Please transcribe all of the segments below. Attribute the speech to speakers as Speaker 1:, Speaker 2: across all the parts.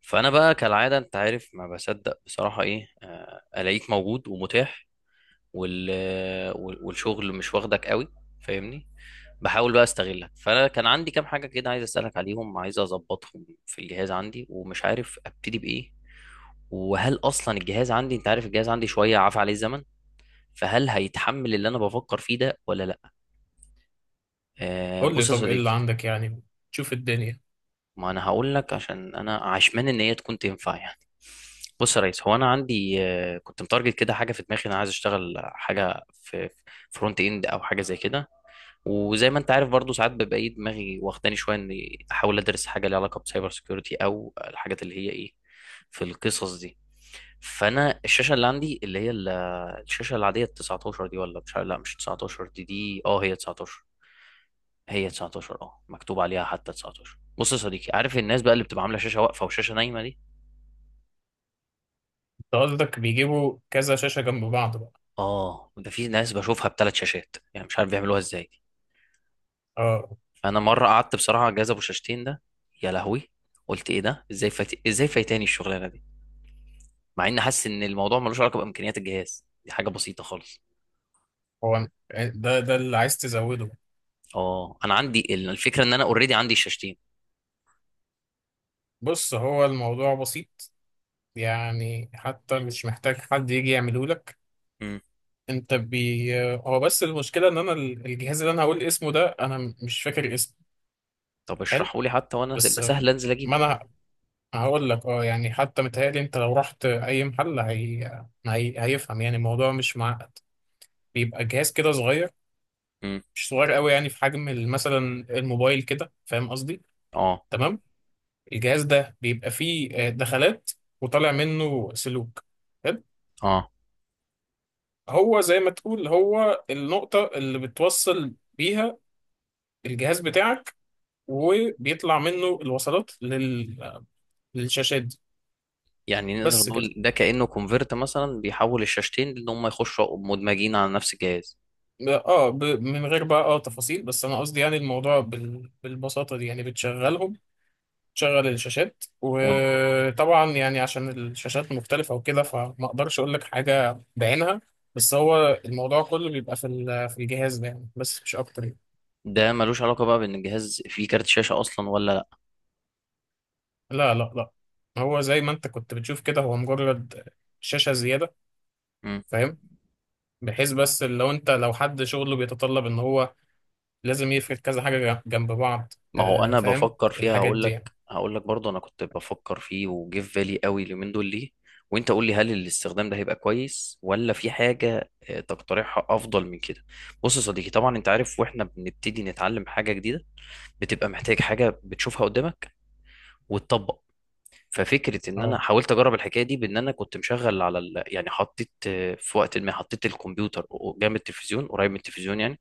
Speaker 1: فانا بقى كالعاده انت عارف ما بصدق بصراحه ايه الاقيك موجود ومتاح. وال... والشغل مش واخدك قوي، فاهمني. بحاول بقى استغلك، فانا كان عندي كام حاجه كده عايز اسالك عليهم، عايز اظبطهم في الجهاز عندي ومش عارف ابتدي بايه. وهل اصلا الجهاز عندي، انت عارف الجهاز عندي شويه عفى عليه الزمن، فهل هيتحمل اللي انا بفكر فيه ده ولا لا؟ أه،
Speaker 2: قول لي،
Speaker 1: بص يا
Speaker 2: طب ايه اللي
Speaker 1: صديقي.
Speaker 2: عندك يعني تشوف الدنيا.
Speaker 1: ما انا هقول لك عشان انا عشمان ان هي تكون تنفع يعني. بص يا ريس، هو انا عندي كنت متارجت كده حاجه في دماغي، انا عايز اشتغل حاجه في فرونت اند او حاجه زي كده. وزي ما انت عارف برضو ساعات ببقى ايه دماغي واخداني شويه اني احاول ادرس حاجه ليها علاقه بسايبر سيكيورتي او الحاجات اللي هي ايه في القصص دي. فانا الشاشه اللي عندي اللي هي الشاشه العاديه ال 19 دي، ولا مش، لا مش 19، دي دي اه هي 19، هي 19 اه مكتوب عليها حتى 19. بص يا صديقي، عارف الناس بقى اللي بتبقى عامله شاشه واقفه وشاشه نايمه دي.
Speaker 2: انت قصدك بيجيبوا كذا شاشة جنب بعض بقى.
Speaker 1: اه، ده في ناس بشوفها بثلاث شاشات يعني، مش عارف بيعملوها ازاي دي.
Speaker 2: اه،
Speaker 1: فانا مره قعدت بصراحه على الجهاز ابو شاشتين ده، يا لهوي، قلت ايه ده، ازاي فايتاني الشغلانه دي، مع اني حاسس ان الموضوع ملوش علاقه بامكانيات الجهاز، دي حاجه بسيطه خالص.
Speaker 2: هو أنا- ده اللي عايز تزوده.
Speaker 1: اه انا عندي الفكره ان انا اوريدي عندي الشاشتين.
Speaker 2: بص، هو الموضوع بسيط، يعني حتى مش محتاج حد يجي يعمله لك.
Speaker 1: امم.
Speaker 2: انت بي هو بس المشكلة ان انا الجهاز اللي انا هقول اسمه ده انا مش فاكر اسمه.
Speaker 1: طب
Speaker 2: حلو.
Speaker 1: اشرحوا لي حتى وانا
Speaker 2: بس
Speaker 1: يبقى سهل انزل
Speaker 2: ما
Speaker 1: اجيبه.
Speaker 2: انا هقول لك، اه يعني حتى متهيألي انت لو رحت اي محل هيفهم، يعني الموضوع مش معقد. بيبقى جهاز كده صغير،
Speaker 1: امم.
Speaker 2: مش صغير قوي، يعني في حجم مثلا الموبايل كده، فاهم قصدي؟
Speaker 1: اه
Speaker 2: تمام. الجهاز ده بيبقى فيه دخلات وطالع منه سلوك، حلو؟
Speaker 1: اه.
Speaker 2: هو زي ما تقول، هو النقطة اللي بتوصل بيها الجهاز بتاعك، وبيطلع منه الوصلات لل... آه، للشاشات دي.
Speaker 1: يعني نقدر
Speaker 2: بس كده.
Speaker 1: نقول ده كأنه كونفرت مثلا بيحول الشاشتين ان هم يخشوا مدمجين على نفس الجهاز؟
Speaker 2: اه، من غير بقى اه تفاصيل، بس انا قصدي يعني الموضوع بالبساطة دي، يعني بتشغلهم شغل الشاشات. وطبعا يعني عشان الشاشات مختلفة وكده، فما اقدرش اقول لك حاجة بعينها. بس هو الموضوع كله بيبقى في في الجهاز ده يعني، بس مش اكتر يعني.
Speaker 1: وده ملوش علاقة بقى بان الجهاز فيه كارت شاشة اصلا ولا لا؟
Speaker 2: لا، هو زي ما انت كنت بتشوف كده، هو مجرد شاشة زيادة.
Speaker 1: مم.
Speaker 2: فاهم؟ بحيث بس لو انت لو حد شغله بيتطلب ان هو لازم يفرد كذا حاجة جنب بعض،
Speaker 1: ما هو
Speaker 2: آه،
Speaker 1: انا
Speaker 2: فاهم،
Speaker 1: بفكر فيها،
Speaker 2: الحاجات
Speaker 1: هقول
Speaker 2: دي
Speaker 1: لك
Speaker 2: يعني.
Speaker 1: هقول لك برضه انا كنت بفكر فيه وجه في بالي قوي اليومين دول ليه. وانت قول لي هل الاستخدام ده هيبقى كويس ولا في حاجة تقترحها افضل من كده؟ بص يا صديقي، طبعا انت عارف، واحنا بنبتدي نتعلم حاجة جديدة بتبقى محتاج حاجة بتشوفها قدامك وتطبق. ففكره ان انا
Speaker 2: اه.
Speaker 1: حاولت اجرب الحكايه دي بان انا كنت مشغل على يعني حطيت في وقت ما حطيت الكمبيوتر جنب التلفزيون، قريب من التلفزيون يعني.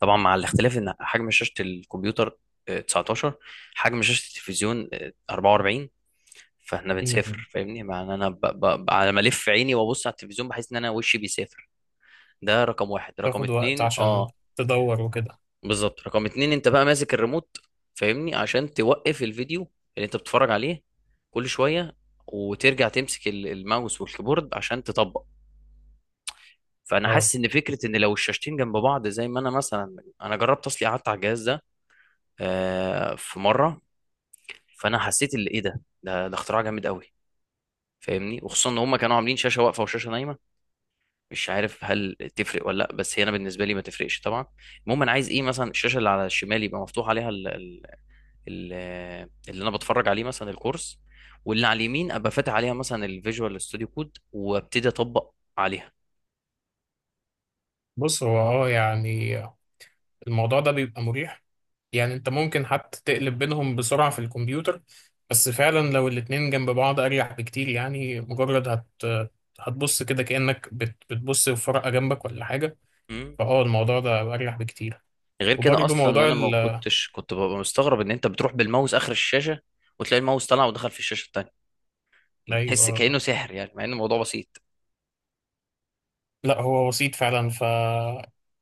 Speaker 1: طبعا مع الاختلاف ان حجم شاشه الكمبيوتر 19، حجم شاشه التلفزيون 44. فاحنا
Speaker 2: م- م.
Speaker 1: بنسافر، فاهمني، مع ان انا على ما الف عيني وابص على التلفزيون بحس ان انا وشي بيسافر. ده رقم واحد، رقم
Speaker 2: تاخد وقت
Speaker 1: اتنين
Speaker 2: عشان
Speaker 1: اه،
Speaker 2: تدور وكده.
Speaker 1: بالظبط رقم اتنين، انت بقى ماسك الريموت، فاهمني، عشان توقف الفيديو اللي انت بتتفرج عليه كل شوية، وترجع تمسك الماوس والكيبورد عشان تطبق. فانا
Speaker 2: اه.
Speaker 1: حاسس ان فكرة ان لو الشاشتين جنب بعض، زي ما انا مثلا انا جربت اصلي قعدت على الجهاز ده في مرة، فانا حسيت اللي ايه ده ده اختراع جامد قوي. فاهمني، وخصوصا ان هم كانوا عاملين شاشة واقفة وشاشة نايمة، مش عارف هل تفرق ولا لا، بس هي انا بالنسبة لي ما تفرقش طبعا. المهم انا عايز ايه، مثلا الشاشة اللي على الشمال يبقى مفتوح عليها ال- اللي انا بتفرج عليه مثلا الكورس، واللي على اليمين ابقى فاتح عليها مثلا الفيجوال ستوديو كود وابتدي اطبق عليها.
Speaker 2: بص، هو اه يعني الموضوع ده بيبقى مريح، يعني انت ممكن حتى تقلب بينهم بسرعة في الكمبيوتر، بس فعلا لو الاتنين جنب بعض اريح بكتير. يعني مجرد هتبص كده كأنك بتبص في ورقة جنبك ولا حاجة.
Speaker 1: مم.
Speaker 2: فاه، الموضوع ده اريح بكتير.
Speaker 1: غير كده
Speaker 2: وبرضه
Speaker 1: اصلا
Speaker 2: موضوع
Speaker 1: انا ما كنتش كنت ببقى مستغرب ان انت بتروح بالماوس اخر الشاشه، وتلاقي الماوس طلع ودخل في الشاشه التانيه،
Speaker 2: ايوه،
Speaker 1: تحس
Speaker 2: آه.
Speaker 1: كانه سحر يعني مع ان الموضوع بسيط.
Speaker 2: لا، هو بسيط فعلا. ف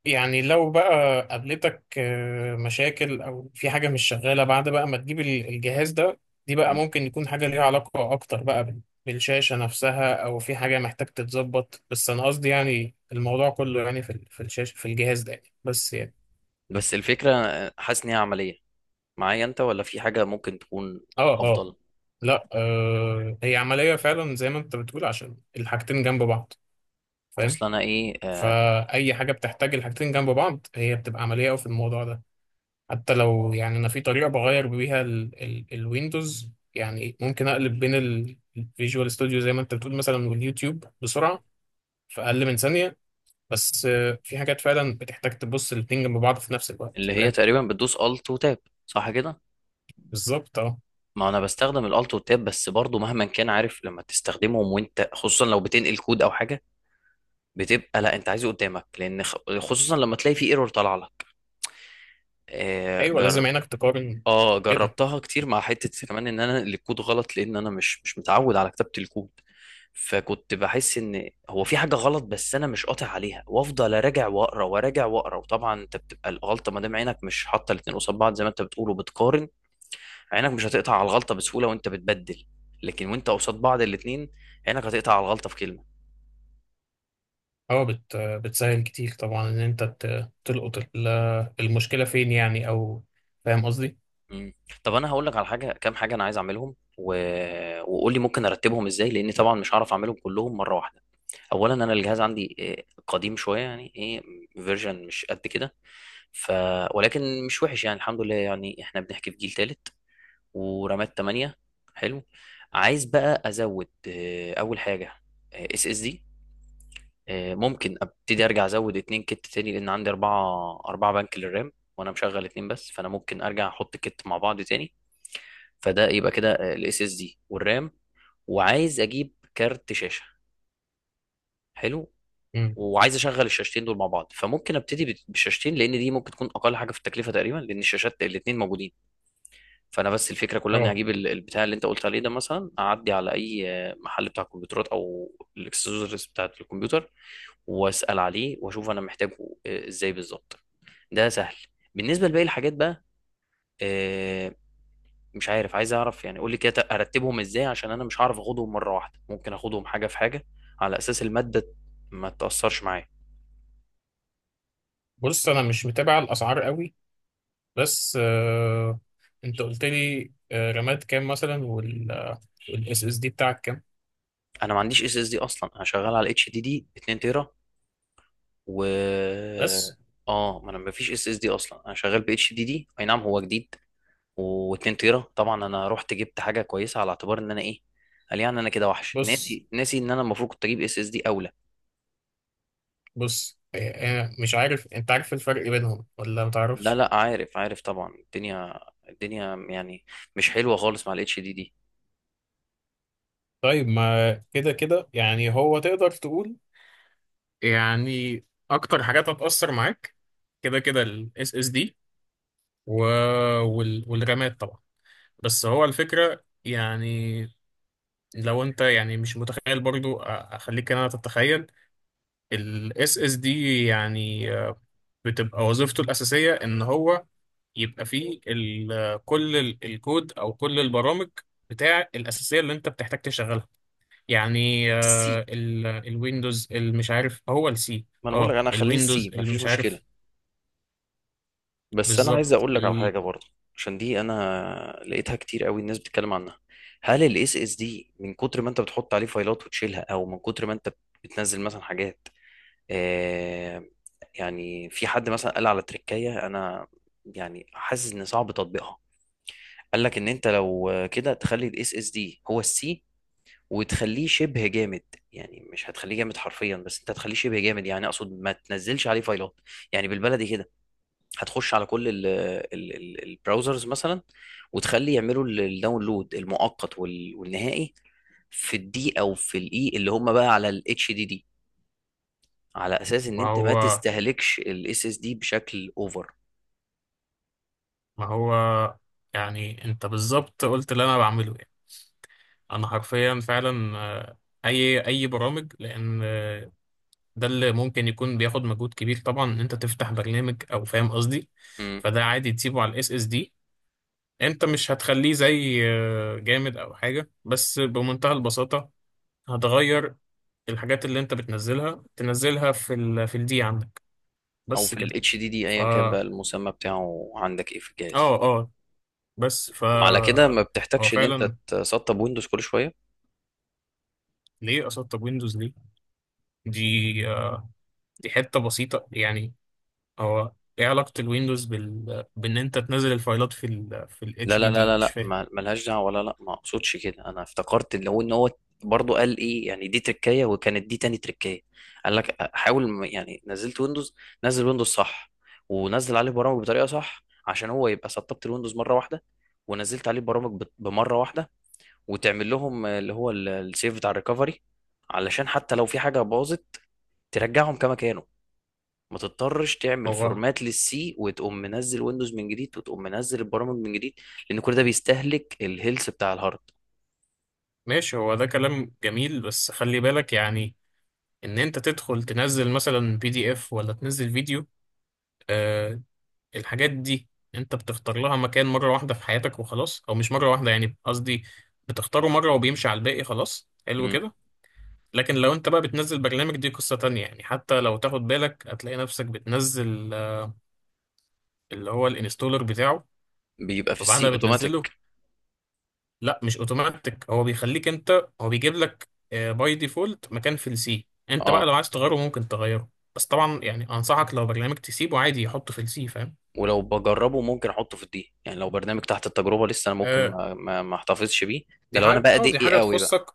Speaker 2: يعني لو بقى قابلتك آه، مشاكل او في حاجه مش شغاله بعد بقى ما تجيب الجهاز ده، دي بقى
Speaker 1: مم.
Speaker 2: ممكن يكون حاجه ليها علاقه اكتر بقى بالشاشه نفسها، او في حاجه محتاج تتظبط. بس انا قصدي يعني الموضوع كله يعني في في الشاشه، في الجهاز ده يعني، بس يعني.
Speaker 1: بس الفكره حاسس ان هي عمليه معايا انت، ولا في حاجه ممكن تكون
Speaker 2: اه، اه.
Speaker 1: افضل؟
Speaker 2: لا آه، هي عمليه فعلا زي ما انت بتقول، عشان الحاجتين جنب بعض، فاهم.
Speaker 1: اصلا انا ايه آه.
Speaker 2: فاي حاجه بتحتاج الحاجتين جنب بعض هي بتبقى عمليه قوي في الموضوع ده. حتى لو يعني انا في طريقه بغير بيها ال الويندوز، يعني ممكن اقلب بين الفيجوال ستوديو زي ما انت بتقول مثلا، واليوتيوب، بسرعه في اقل من ثانيه. بس آه، في حاجات فعلا بتحتاج تبص الاتنين جنب بعض في نفس الوقت،
Speaker 1: اللي هي
Speaker 2: فاهم.
Speaker 1: تقريبا بتدوس الت وتاب، صح كده؟
Speaker 2: بالظبط، اه.
Speaker 1: ما انا بستخدم الالت والتاب، بس برضو مهما كان عارف لما تستخدمهم وانت خصوصا لو بتنقل كود او حاجه بتبقى لا انت عايزه قدامك، لان خصوصا لما تلاقي في ايرور طالعه لك آه
Speaker 2: ايوه،
Speaker 1: جر...
Speaker 2: لازم عينك تقارن
Speaker 1: اه
Speaker 2: كده.
Speaker 1: جربتها كتير، مع حته كمان ان انا الكود غلط، لان انا مش متعود على كتابه الكود. فكنت بحس ان هو في حاجه غلط، بس انا مش قاطع عليها وافضل اراجع واقرا وراجع واقرا. وطبعا انت بتبقى الغلطه ما دام عينك مش حاطه الاتنين قصاد بعض زي ما انت بتقول وبتقارن، عينك مش هتقطع على الغلطه بسهوله وانت بتبدل. لكن وانت قصاد بعض الاثنين، عينك هتقطع على الغلطه في كلمه.
Speaker 2: اه، بت آه، بتسهل كتير طبعا ان انت تلقط المشكله فين يعني، او فاهم قصدي.
Speaker 1: مم. طب انا هقول لك على حاجه، كام حاجه انا عايز اعملهم وقول لي ممكن ارتبهم ازاي، لان طبعا مش هعرف اعملهم كلهم مره واحده. اولا انا الجهاز عندي قديم شويه، يعني ايه فيرجن مش قد كده، ف ولكن مش وحش يعني، الحمد لله، يعني احنا بنحكي في جيل ثالث ورامات 8، حلو. عايز بقى ازود اول حاجه اس اس دي. ممكن ابتدي ارجع ازود اتنين كت تاني، لان عندي اربعة اربعة بنك للرام وانا مشغل اتنين بس، فانا ممكن ارجع احط كت مع بعض تاني. فده يبقى كده الاس اس دي والرام، وعايز اجيب كارت شاشة، حلو.
Speaker 2: امم.
Speaker 1: وعايز اشغل الشاشتين دول مع بعض، فممكن ابتدي بالشاشتين، لان دي ممكن تكون اقل حاجة في التكلفة تقريبا لان الشاشات الاتنين موجودين. فانا بس الفكره كلها اني
Speaker 2: اه،
Speaker 1: هجيب البتاع اللي انت قلت عليه ده مثلا، اعدي على اي محل بتاع كمبيوترات او الاكسسوارز بتاعت الكمبيوتر واسال عليه واشوف انا محتاجه ازاي بالظبط، ده سهل. بالنسبه لباقي الحاجات بقى آه، مش عارف، عايز اعرف يعني قول لي كده ارتبهم ازاي عشان انا مش هعرف اخدهم مره واحده، ممكن اخدهم حاجه في حاجه، على اساس الماده ما تاثرش معايا.
Speaker 2: بص، انا مش متابع الاسعار قوي، بس آه انت قلت لي آه رامات كام مثلا، والاس اس دي بتاعك كام.
Speaker 1: انا ما عنديش اس اس دي اصلا، انا شغال على اتش دي دي 2 تيرا و
Speaker 2: بس.
Speaker 1: اه، ما انا ما فيش اس اس دي اصلا، انا شغال ب اتش دي دي، اي نعم هو جديد و2 تيرا، طبعا انا رحت جبت حاجه كويسه على اعتبار ان انا ايه. قال يعني انا كده وحش،
Speaker 2: بص
Speaker 1: ناسي ان انا المفروض كنت اجيب اس اس دي اولى.
Speaker 2: بص آه آه، مش عارف، انت عارف الفرق بينهم ولا
Speaker 1: لا
Speaker 2: متعرفش؟
Speaker 1: لا، عارف عارف طبعا. الدنيا، الدنيا يعني مش حلوه خالص مع الاتش دي دي.
Speaker 2: طيب، ما كده كده يعني هو تقدر تقول يعني اكتر حاجات هتأثر معاك كده كده الاس اس دي، والرامات طبعا. بس هو الفكرة يعني، لو انت يعني مش متخيل برضو، اخليك انا تتخيل. الاس اس دي يعني آه، بتبقى وظيفته الأساسية إن هو يبقى فيه كل الكود أو كل البرامج بتاع الأساسية اللي أنت بتحتاج تشغلها، يعني
Speaker 1: السي.
Speaker 2: آه، الويندوز، المش عارف هو السي.
Speaker 1: ما انا بقول لك
Speaker 2: اه،
Speaker 1: انا هخليه
Speaker 2: الويندوز،
Speaker 1: السي ما فيش
Speaker 2: المش
Speaker 1: مشكله،
Speaker 2: عارف.
Speaker 1: بس انا عايز
Speaker 2: بالظبط
Speaker 1: اقول لك على حاجه برضه، عشان دي انا لقيتها كتير قوي الناس بتتكلم عنها. هل الاس اس دي من كتر ما انت بتحط عليه فايلات وتشيلها، او من كتر ما انت بتنزل مثلا حاجات آه يعني، في حد مثلا قال على تركية، انا يعني حاسس ان صعب تطبيقها. قال لك ان انت لو كده تخلي الاس اس دي هو السي وتخليه شبه جامد، يعني مش هتخليه جامد حرفيا بس انت هتخليه شبه جامد، يعني اقصد ما تنزلش عليه فايلات، يعني بالبلدي كده. هتخش على كل البراوزرز مثلا وتخلي يعملوا الداونلود المؤقت والنهائي في الدي او في الاي اللي هم بقى على الاتش دي دي، على اساس ان
Speaker 2: ما
Speaker 1: انت ما
Speaker 2: هو
Speaker 1: تستهلكش الاس اس دي بشكل اوفر.
Speaker 2: ما هو يعني أنت بالظبط قلت اللي أنا بعمله يعني. أنا حرفيا فعلا آه، أي برامج، لأن ده اللي ممكن يكون بياخد مجهود كبير طبعا ان انت تفتح برنامج، او فاهم قصدي.
Speaker 1: مم.
Speaker 2: فده عادي تسيبه على الاس اس دي. انت مش هتخليه زي آه، جامد او حاجه، بس بمنتهى البساطه هتغير الحاجات اللي انت بتنزلها، تنزلها في في الدي عندك،
Speaker 1: او
Speaker 2: بس
Speaker 1: في
Speaker 2: كده.
Speaker 1: الاتش دي دي ايا كان بقى
Speaker 2: فا
Speaker 1: المسمى بتاعه عندك ايه في الجهاز.
Speaker 2: اه، اه. بس
Speaker 1: وعلى كده
Speaker 2: فا
Speaker 1: ما
Speaker 2: هو
Speaker 1: بتحتاجش ان انت
Speaker 2: فعلا،
Speaker 1: تسطب ويندوز كل شويه.
Speaker 2: ليه اسطب ويندوز؟ ليه؟ دي آه، دي حته بسيطه يعني. هو ايه علاقه الويندوز بان انت تنزل الفايلات في في
Speaker 1: لا،
Speaker 2: الاتش
Speaker 1: لا،
Speaker 2: دي
Speaker 1: لا،
Speaker 2: دي؟
Speaker 1: لا،
Speaker 2: مش
Speaker 1: لا،
Speaker 2: فاهم.
Speaker 1: ملهاش دعوه، ولا لا ما اقصدش كده. انا افتكرت اللي هو ان هو برضه قال ايه يعني، دي تركايه وكانت دي تاني تركايه. قال لك حاول يعني نزلت ويندوز، نزل ويندوز صح ونزل عليه برامج بطريقه صح، عشان هو يبقى سطبت الويندوز مره واحده، ونزلت عليه برامج بمره واحده. وتعمل لهم اللي هو السيف بتاع الريكفري، علشان حتى لو في حاجه باظت ترجعهم كما كانوا، ما تضطرش تعمل
Speaker 2: هو
Speaker 1: فورمات للسي وتقوم منزل ويندوز من جديد وتقوم منزل البرامج من جديد، لان كل ده بيستهلك الهيلث بتاع الهارد.
Speaker 2: ماشي، هو ده كلام جميل، بس خلي بالك يعني ان انت تدخل تنزل مثلا بي دي اف، ولا تنزل فيديو، آه، الحاجات دي انت بتختار لها مكان مرة واحدة في حياتك وخلاص، او مش مرة واحدة يعني قصدي، بتختاره مرة وبيمشي على الباقي خلاص، حلو
Speaker 1: مم.
Speaker 2: كده. لكن لو انت بقى بتنزل برنامج، دي قصة تانية يعني. حتى لو تاخد بالك هتلاقي نفسك بتنزل آه، اللي هو الانستولر بتاعه،
Speaker 1: بيبقى في
Speaker 2: وبعدها
Speaker 1: السي
Speaker 2: بتنزله.
Speaker 1: اوتوماتيك.
Speaker 2: لا، مش اوتوماتيك، هو بيخليك انت، هو بيجيب لك باي ديفولت مكان في السي، انت بقى
Speaker 1: اه،
Speaker 2: لو عايز تغيره ممكن تغيره. بس طبعا يعني انصحك، لو برنامج تسيبه عادي يحطه في السي، فاهم.
Speaker 1: ولو بجربه ممكن احطه في الدي، يعني لو برنامج تحت التجربه لسه انا ممكن
Speaker 2: آه،
Speaker 1: ما احتفظش بيه، ده لو انا بقى
Speaker 2: دي
Speaker 1: دقي
Speaker 2: حاجه
Speaker 1: قوي بقى.
Speaker 2: تخصك.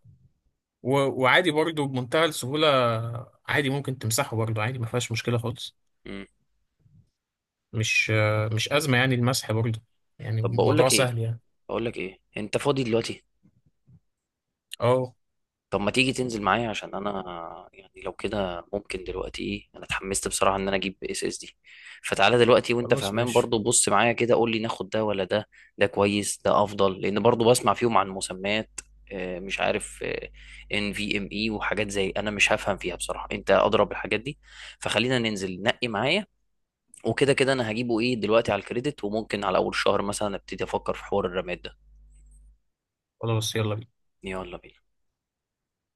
Speaker 2: و... وعادي برضه بمنتهى السهوله، عادي ممكن تمسحه برضه، عادي ما فيهاش مشكله خالص.
Speaker 1: مم.
Speaker 2: مش آه، مش ازمه يعني المسح برضه، يعني
Speaker 1: طب بقول
Speaker 2: الموضوع
Speaker 1: لك ايه،
Speaker 2: سهل يعني.
Speaker 1: بقول لك ايه، انت فاضي دلوقتي؟
Speaker 2: اه،
Speaker 1: طب ما تيجي تنزل معايا، عشان انا يعني لو كده ممكن دلوقتي ايه، انا اتحمست بصراحه ان انا اجيب اس اس دي، فتعالى دلوقتي وانت
Speaker 2: خلاص
Speaker 1: فهمان
Speaker 2: ماشي.
Speaker 1: برضو بص معايا كده قول لي ناخد ده ولا ده. ده كويس، ده افضل، لان برضو بسمع فيهم عن مسميات مش عارف ان في ام اي وحاجات زي، انا مش هفهم فيها بصراحه، انت اضرب الحاجات دي. فخلينا ننزل نقي معايا، وكده كده انا هجيبه ايه دلوقتي على الكريدت وممكن على اول الشهر مثلا ابتدي افكر في حوار الرماد ده.
Speaker 2: خلاص، يلا بينا.
Speaker 1: يلا بينا.